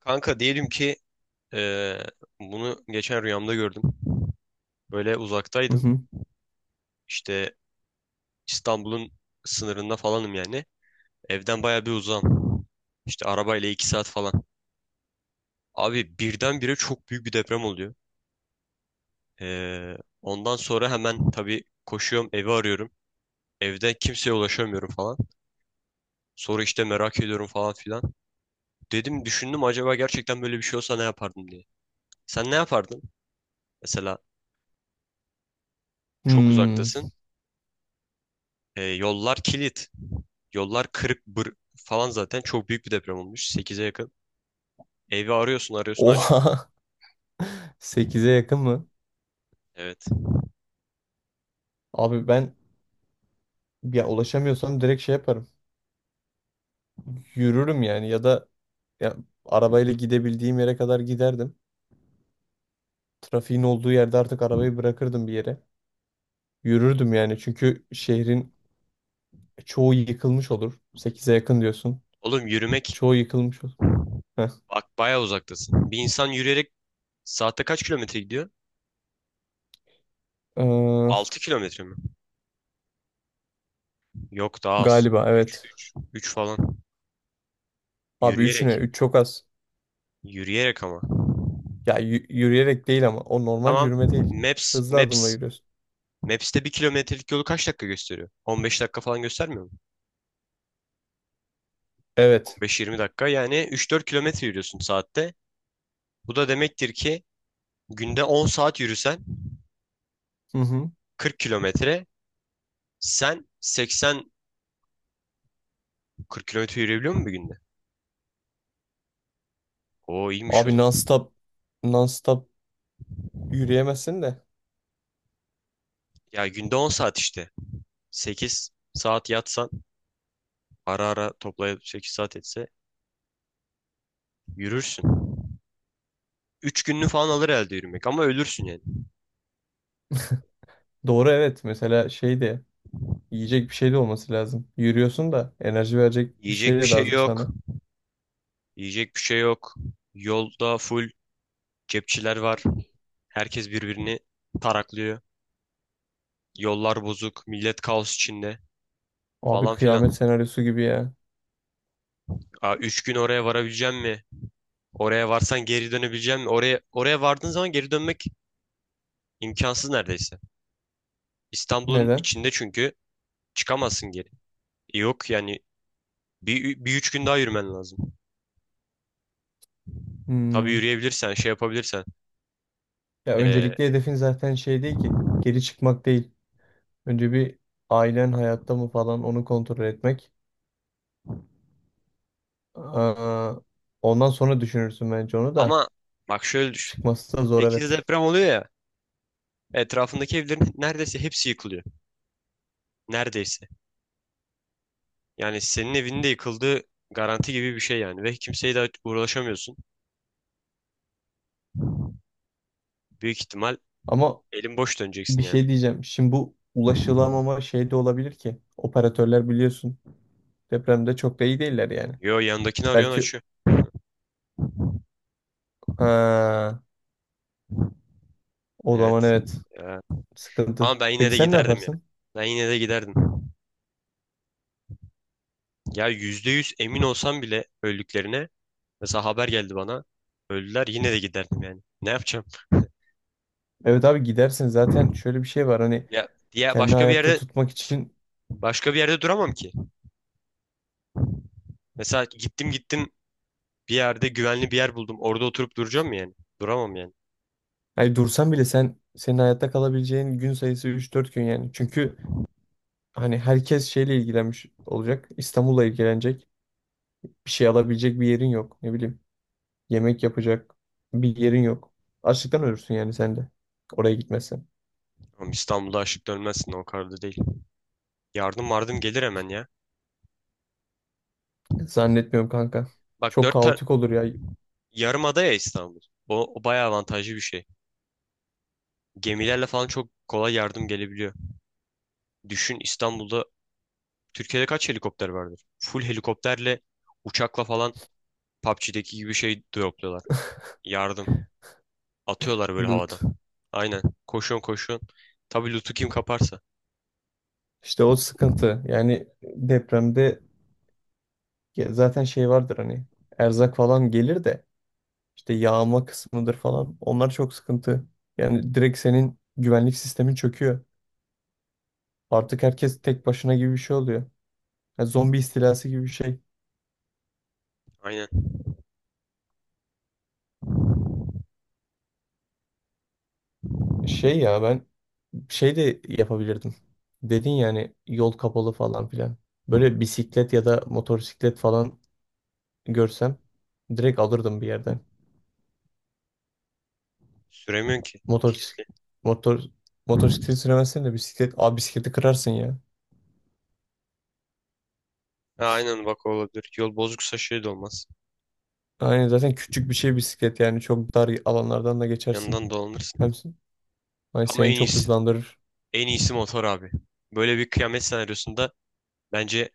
Kanka diyelim ki eee, bunu geçen rüyamda gördüm. Böyle Hı uzaktaydım. hı. İşte İstanbul'un sınırında falanım yani. Evden baya bir uzağım. İşte arabayla 2 saat falan. Abi birdenbire çok büyük bir deprem oluyor. Ondan sonra hemen tabii koşuyorum, evi arıyorum. Evde kimseye ulaşamıyorum falan. Sonra işte merak ediyorum falan filan. Dedim, düşündüm, acaba gerçekten böyle bir şey olsa ne yapardım diye. Sen ne yapardın? Mesela çok Hmm. uzaktasın. Yollar kilit. Yollar kırık bır falan, zaten çok büyük bir deprem olmuş, sekize yakın. Evi arıyorsun arıyorsun, açmıyor. Oha. Sekize yakın mı? Evet. Abi ben ya ulaşamıyorsam direkt şey yaparım. Yürürüm yani ya da ya arabayla gidebildiğim yere kadar giderdim. Trafiğin olduğu yerde artık arabayı bırakırdım bir yere. Yürürdüm yani çünkü şehrin çoğu yıkılmış olur. Sekize yakın diyorsun. Oğlum yürümek, Çoğu yıkılmış olur. Heh. bak bayağı uzaktasın. Bir insan yürüyerek saatte kaç kilometre gidiyor? Ee, 6 kilometre mi? Yok, daha az. Galiba Üç, evet. üç, 3 falan. Abi 3 ne? Yürüyerek. Üç çok az. Yürüyerek ama. Ya yürüyerek değil ama o normal Tamam. yürüme değil. Maps Hızlı adımla Maps yürüyorsun. Maps'te 1 kilometrelik yolu kaç dakika gösteriyor? 15 dakika falan göstermiyor mu? on Evet. beş yirmi dakika yani 3-4 kilometre yürüyorsun saatte. Bu da demektir ki günde 10 saat yürüsen Hı hı. 40 kilometre. Sen 80-40 kilometre yürüyebiliyor musun bir günde? Oo, iyiymiş o Abi zaman. non-stop yürüyemezsin de. Ya günde 10 saat işte. 8 saat yatsan, ara ara toplayıp 8 saat etse, yürürsün. 3 gününü falan alır elde yürümek, ama ölürsün yani. Doğru evet, mesela şey de yiyecek bir şey de olması lazım. Yürüyorsun da enerji verecek bir şey Yiyecek bir de şey lazım yok. sana. Yiyecek bir şey yok. Yolda full cepçiler var. Herkes birbirini taraklıyor. Yollar bozuk. Millet kaos içinde, Abi falan kıyamet filan. senaryosu gibi ya. Aa, 3 gün oraya varabileceğim mi? Oraya varsan geri dönebileceğim mi? Oraya, oraya vardığın zaman geri dönmek imkansız neredeyse. İstanbul'un Neden? içinde çünkü, çıkamazsın geri. E, yok yani, bir 3 gün daha yürümen lazım. Tabii Hmm. yürüyebilirsen, şey yapabilirsen. Ya Ee, öncelikli hedefin zaten şey değil ki. Geri çıkmak değil. Önce bir ailen hayatta mı falan onu kontrol etmek. Aa, ondan sonra düşünürsün bence onu da. Ama bak, şöyle düşün. Çıkması da zor Sekiz evet. deprem oluyor ya, etrafındaki evlerin neredeyse hepsi yıkılıyor. Neredeyse. Yani senin evinin de yıkıldığı garanti gibi bir şey yani. Ve kimseye de uğraşamıyorsun. Büyük ihtimal Ama elin boş döneceksin bir yani. şey diyeceğim. Şimdi bu ulaşılamama şey de olabilir ki. Operatörler biliyorsun depremde çok da iyi değiller yani. Yo, yanındakini arıyorsun, Belki açıyor. ha, o zaman Evet. evet Ya. sıkıntı. Ama ben yine Peki de sen ne giderdim ya. yaparsın? Ben yine de giderdim. Ya %100 emin olsam bile öldüklerine. Mesela haber geldi bana. Öldüler, yine de giderdim yani. Ne yapacağım? Evet abi gidersin, zaten şöyle bir şey var hani, Ya diye kendi başka bir hayatta yerde, tutmak için. başka bir yerde duramam ki. Mesela gittim gittim, bir yerde güvenli bir yer buldum. Orada oturup duracağım mı yani? Duramam yani. Hani dursan bile sen senin hayatta kalabileceğin gün sayısı 3-4 gün yani. Çünkü hani herkes şeyle ilgilenmiş olacak. İstanbul'la ilgilenecek. Bir şey alabilecek bir yerin yok. Ne bileyim. Yemek yapacak bir yerin yok. Açlıktan ölürsün yani sen de. Oraya gitmezsen. Ama İstanbul'da açlık dönmezsin, o kadar da değil. Yardım vardım gelir hemen ya. Zannetmiyorum kanka. Bak Çok dört tar kaotik olur ya. Yarım ada ya İstanbul. O, o bayağı avantajlı bir şey. Gemilerle falan çok kolay yardım gelebiliyor. Düşün, İstanbul'da, Türkiye'de kaç helikopter vardır? Full helikopterle, uçakla falan PUBG'deki gibi şey dropluyorlar. Yardım. Atıyorlar böyle havadan. Loot. Aynen. Koşuyorsun koşuyorsun. Tabii lootu kim kaparsa. İşte o sıkıntı. Yani depremde ya zaten şey vardır hani. Erzak falan gelir de işte yağma kısmıdır falan. Onlar çok sıkıntı. Yani direkt senin güvenlik sistemin çöküyor. Artık herkes tek başına gibi bir şey oluyor. Ya zombi istilası gibi bir şey. Aynen. Şey ya ben şey de yapabilirdim. Dedin yani yol kapalı falan filan. Böyle bisiklet ya da motosiklet falan görsem direkt alırdım bir yerden. Süremiyorsun ki. Motor Kilitli. motor motosiklet süremezsen de bisiklet. Abi bisikleti kırarsın ya. Ha, aynen, bak o olabilir. Yol bozuksa şey de olmaz. Aynen, zaten küçük bir şey bisiklet yani çok dar alanlardan da geçersin. Yanından dolanırsın. Hem, ay Ama seni en çok iyisi. hızlandırır. En iyisi motor abi. Böyle bir kıyamet senaryosunda bence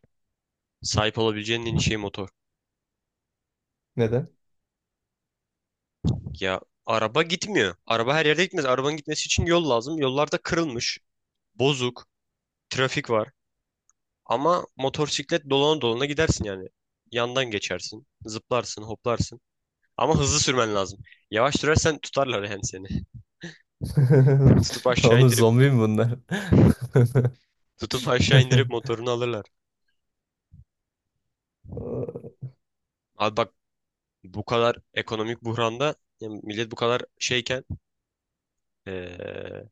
sahip olabileceğin en iyi şey motor. Neden? Ya araba gitmiyor. Araba her yerde gitmez. Arabanın gitmesi için yol lazım. Yollarda kırılmış, bozuk, trafik var. Ama motosiklet dolana dolana gidersin yani. Yandan geçersin, zıplarsın, hoplarsın. Ama hızlı sürmen lazım. Yavaş sürersen tutarlar yani seni. Tutup aşağı Oğlum indirip, zombi mi bunlar? tutup aşağı indirip motorunu alırlar. Abi bak, bu kadar ekonomik buhranda, yani millet bu kadar şeyken, eee,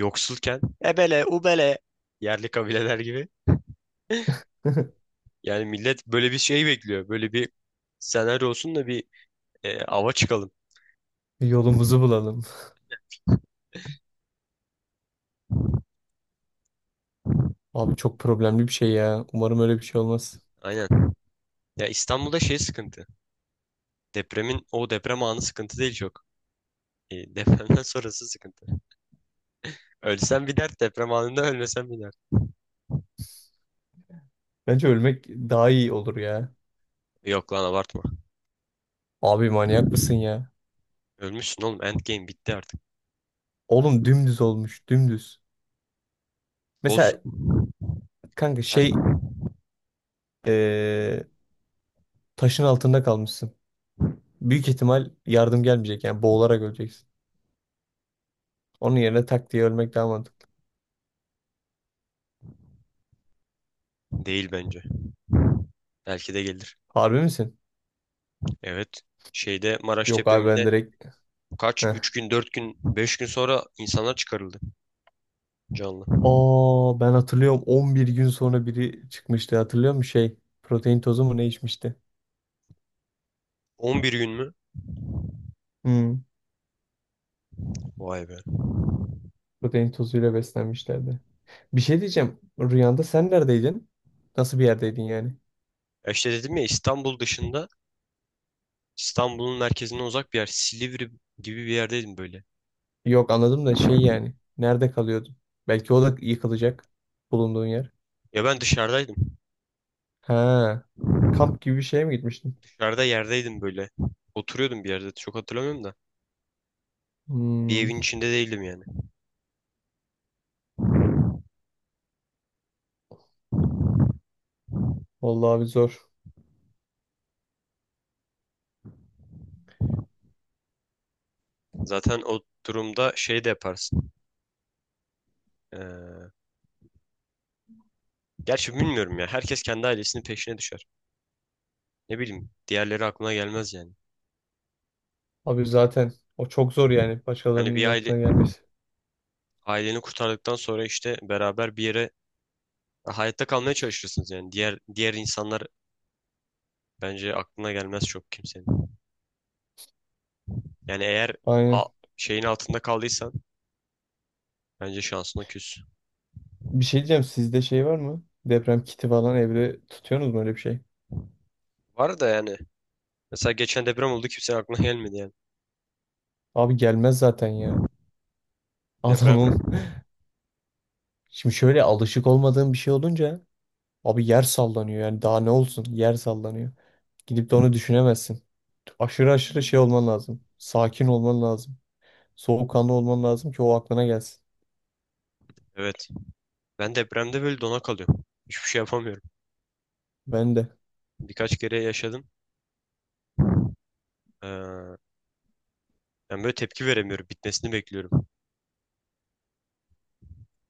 yoksulken, ebele, ubele, yerli kabileler gibi. Yani millet böyle bir şey bekliyor. Böyle bir senaryo olsun da bir, ava çıkalım. Yolumuzu bulalım. Abi çok problemli bir şey ya. Umarım öyle bir şey olmaz. Aynen. Ya İstanbul'da şey sıkıntı. Depremin o deprem anı sıkıntı değil çok. E, depremden sonrası sıkıntı. Ölsen bir dert, deprem anında ölmesen bir dert. Bence ölmek daha iyi olur ya. Yok lan, abartma. Abi manyak mısın ya? Ölmüşsün oğlum. Endgame bitti artık. Oğlum dümdüz olmuş, dümdüz. Olsun. Mesela kanka şey, Her Ee, taşın altında kalmışsın. Büyük ihtimal yardım gelmeyecek yani boğularak öleceksin. Onun yerine tak diye ölmek daha mantıklı. değil bence. Belki de gelir. Harbi misin? Evet. Şeyde, Maraş Yok abi ben depreminde direkt... kaç? Heh. 3 gün, 4 gün, 5 gün sonra insanlar çıkarıldı canlı. Aa ben hatırlıyorum 11 gün sonra biri çıkmıştı, hatırlıyor musun şey? Protein tozu mu ne içmişti? 11 gün mü? Hmm. Vay be. Protein tozuyla beslenmişlerdi. Bir şey diyeceğim. Rüyanda sen neredeydin? Nasıl bir yerdeydin yani? E İşte dedim ya, İstanbul dışında, İstanbul'un merkezine uzak bir yer. Silivri gibi bir yerdeydim böyle. Yok anladım da şey yani. Nerede kalıyordun? Belki o da yıkılacak, bulunduğun yer. Ya ben dışarıdaydım. Ha, kamp gibi bir şeye mi gitmiştin? Dışarıda yerdeydim böyle. Oturuyordum bir yerde. Çok hatırlamıyorum da. Bir Hmm, evin içinde değildim yani. vallahi abi zor. Zaten o durumda şey de yaparsın. Ee, Gerçi bilmiyorum ya. Herkes kendi ailesinin peşine düşer. Ne bileyim. Diğerleri aklına gelmez yani. Abi zaten o çok zor yani Yani başkalarının bir aile, aklına gelmesi. aileni kurtardıktan sonra işte beraber bir yere hayatta kalmaya çalışırsınız yani. Diğer insanlar bence aklına gelmez çok kimsenin. Yani eğer a- Aynen. şeyin altında kaldıysan, bence şansına küs. Bir şey diyeceğim, sizde şey var mı? Deprem kiti falan evde tutuyorsunuz mu öyle bir şey? Var da yani. Mesela geçen deprem oldu, kimsenin aklına gelmedi yani. Abi gelmez zaten ya. Deprem. Adamım. Şimdi şöyle alışık olmadığım bir şey olunca, abi yer sallanıyor yani daha ne olsun, yer sallanıyor. Gidip de onu düşünemezsin. Aşırı aşırı şey olman lazım. Sakin olman lazım. Soğukkanlı olman lazım ki o aklına gelsin. Evet. Ben depremde böyle dona kalıyorum. Hiçbir şey yapamıyorum. Ben de. Birkaç kere yaşadım. Yani böyle tepki veremiyorum. Bitmesini bekliyorum.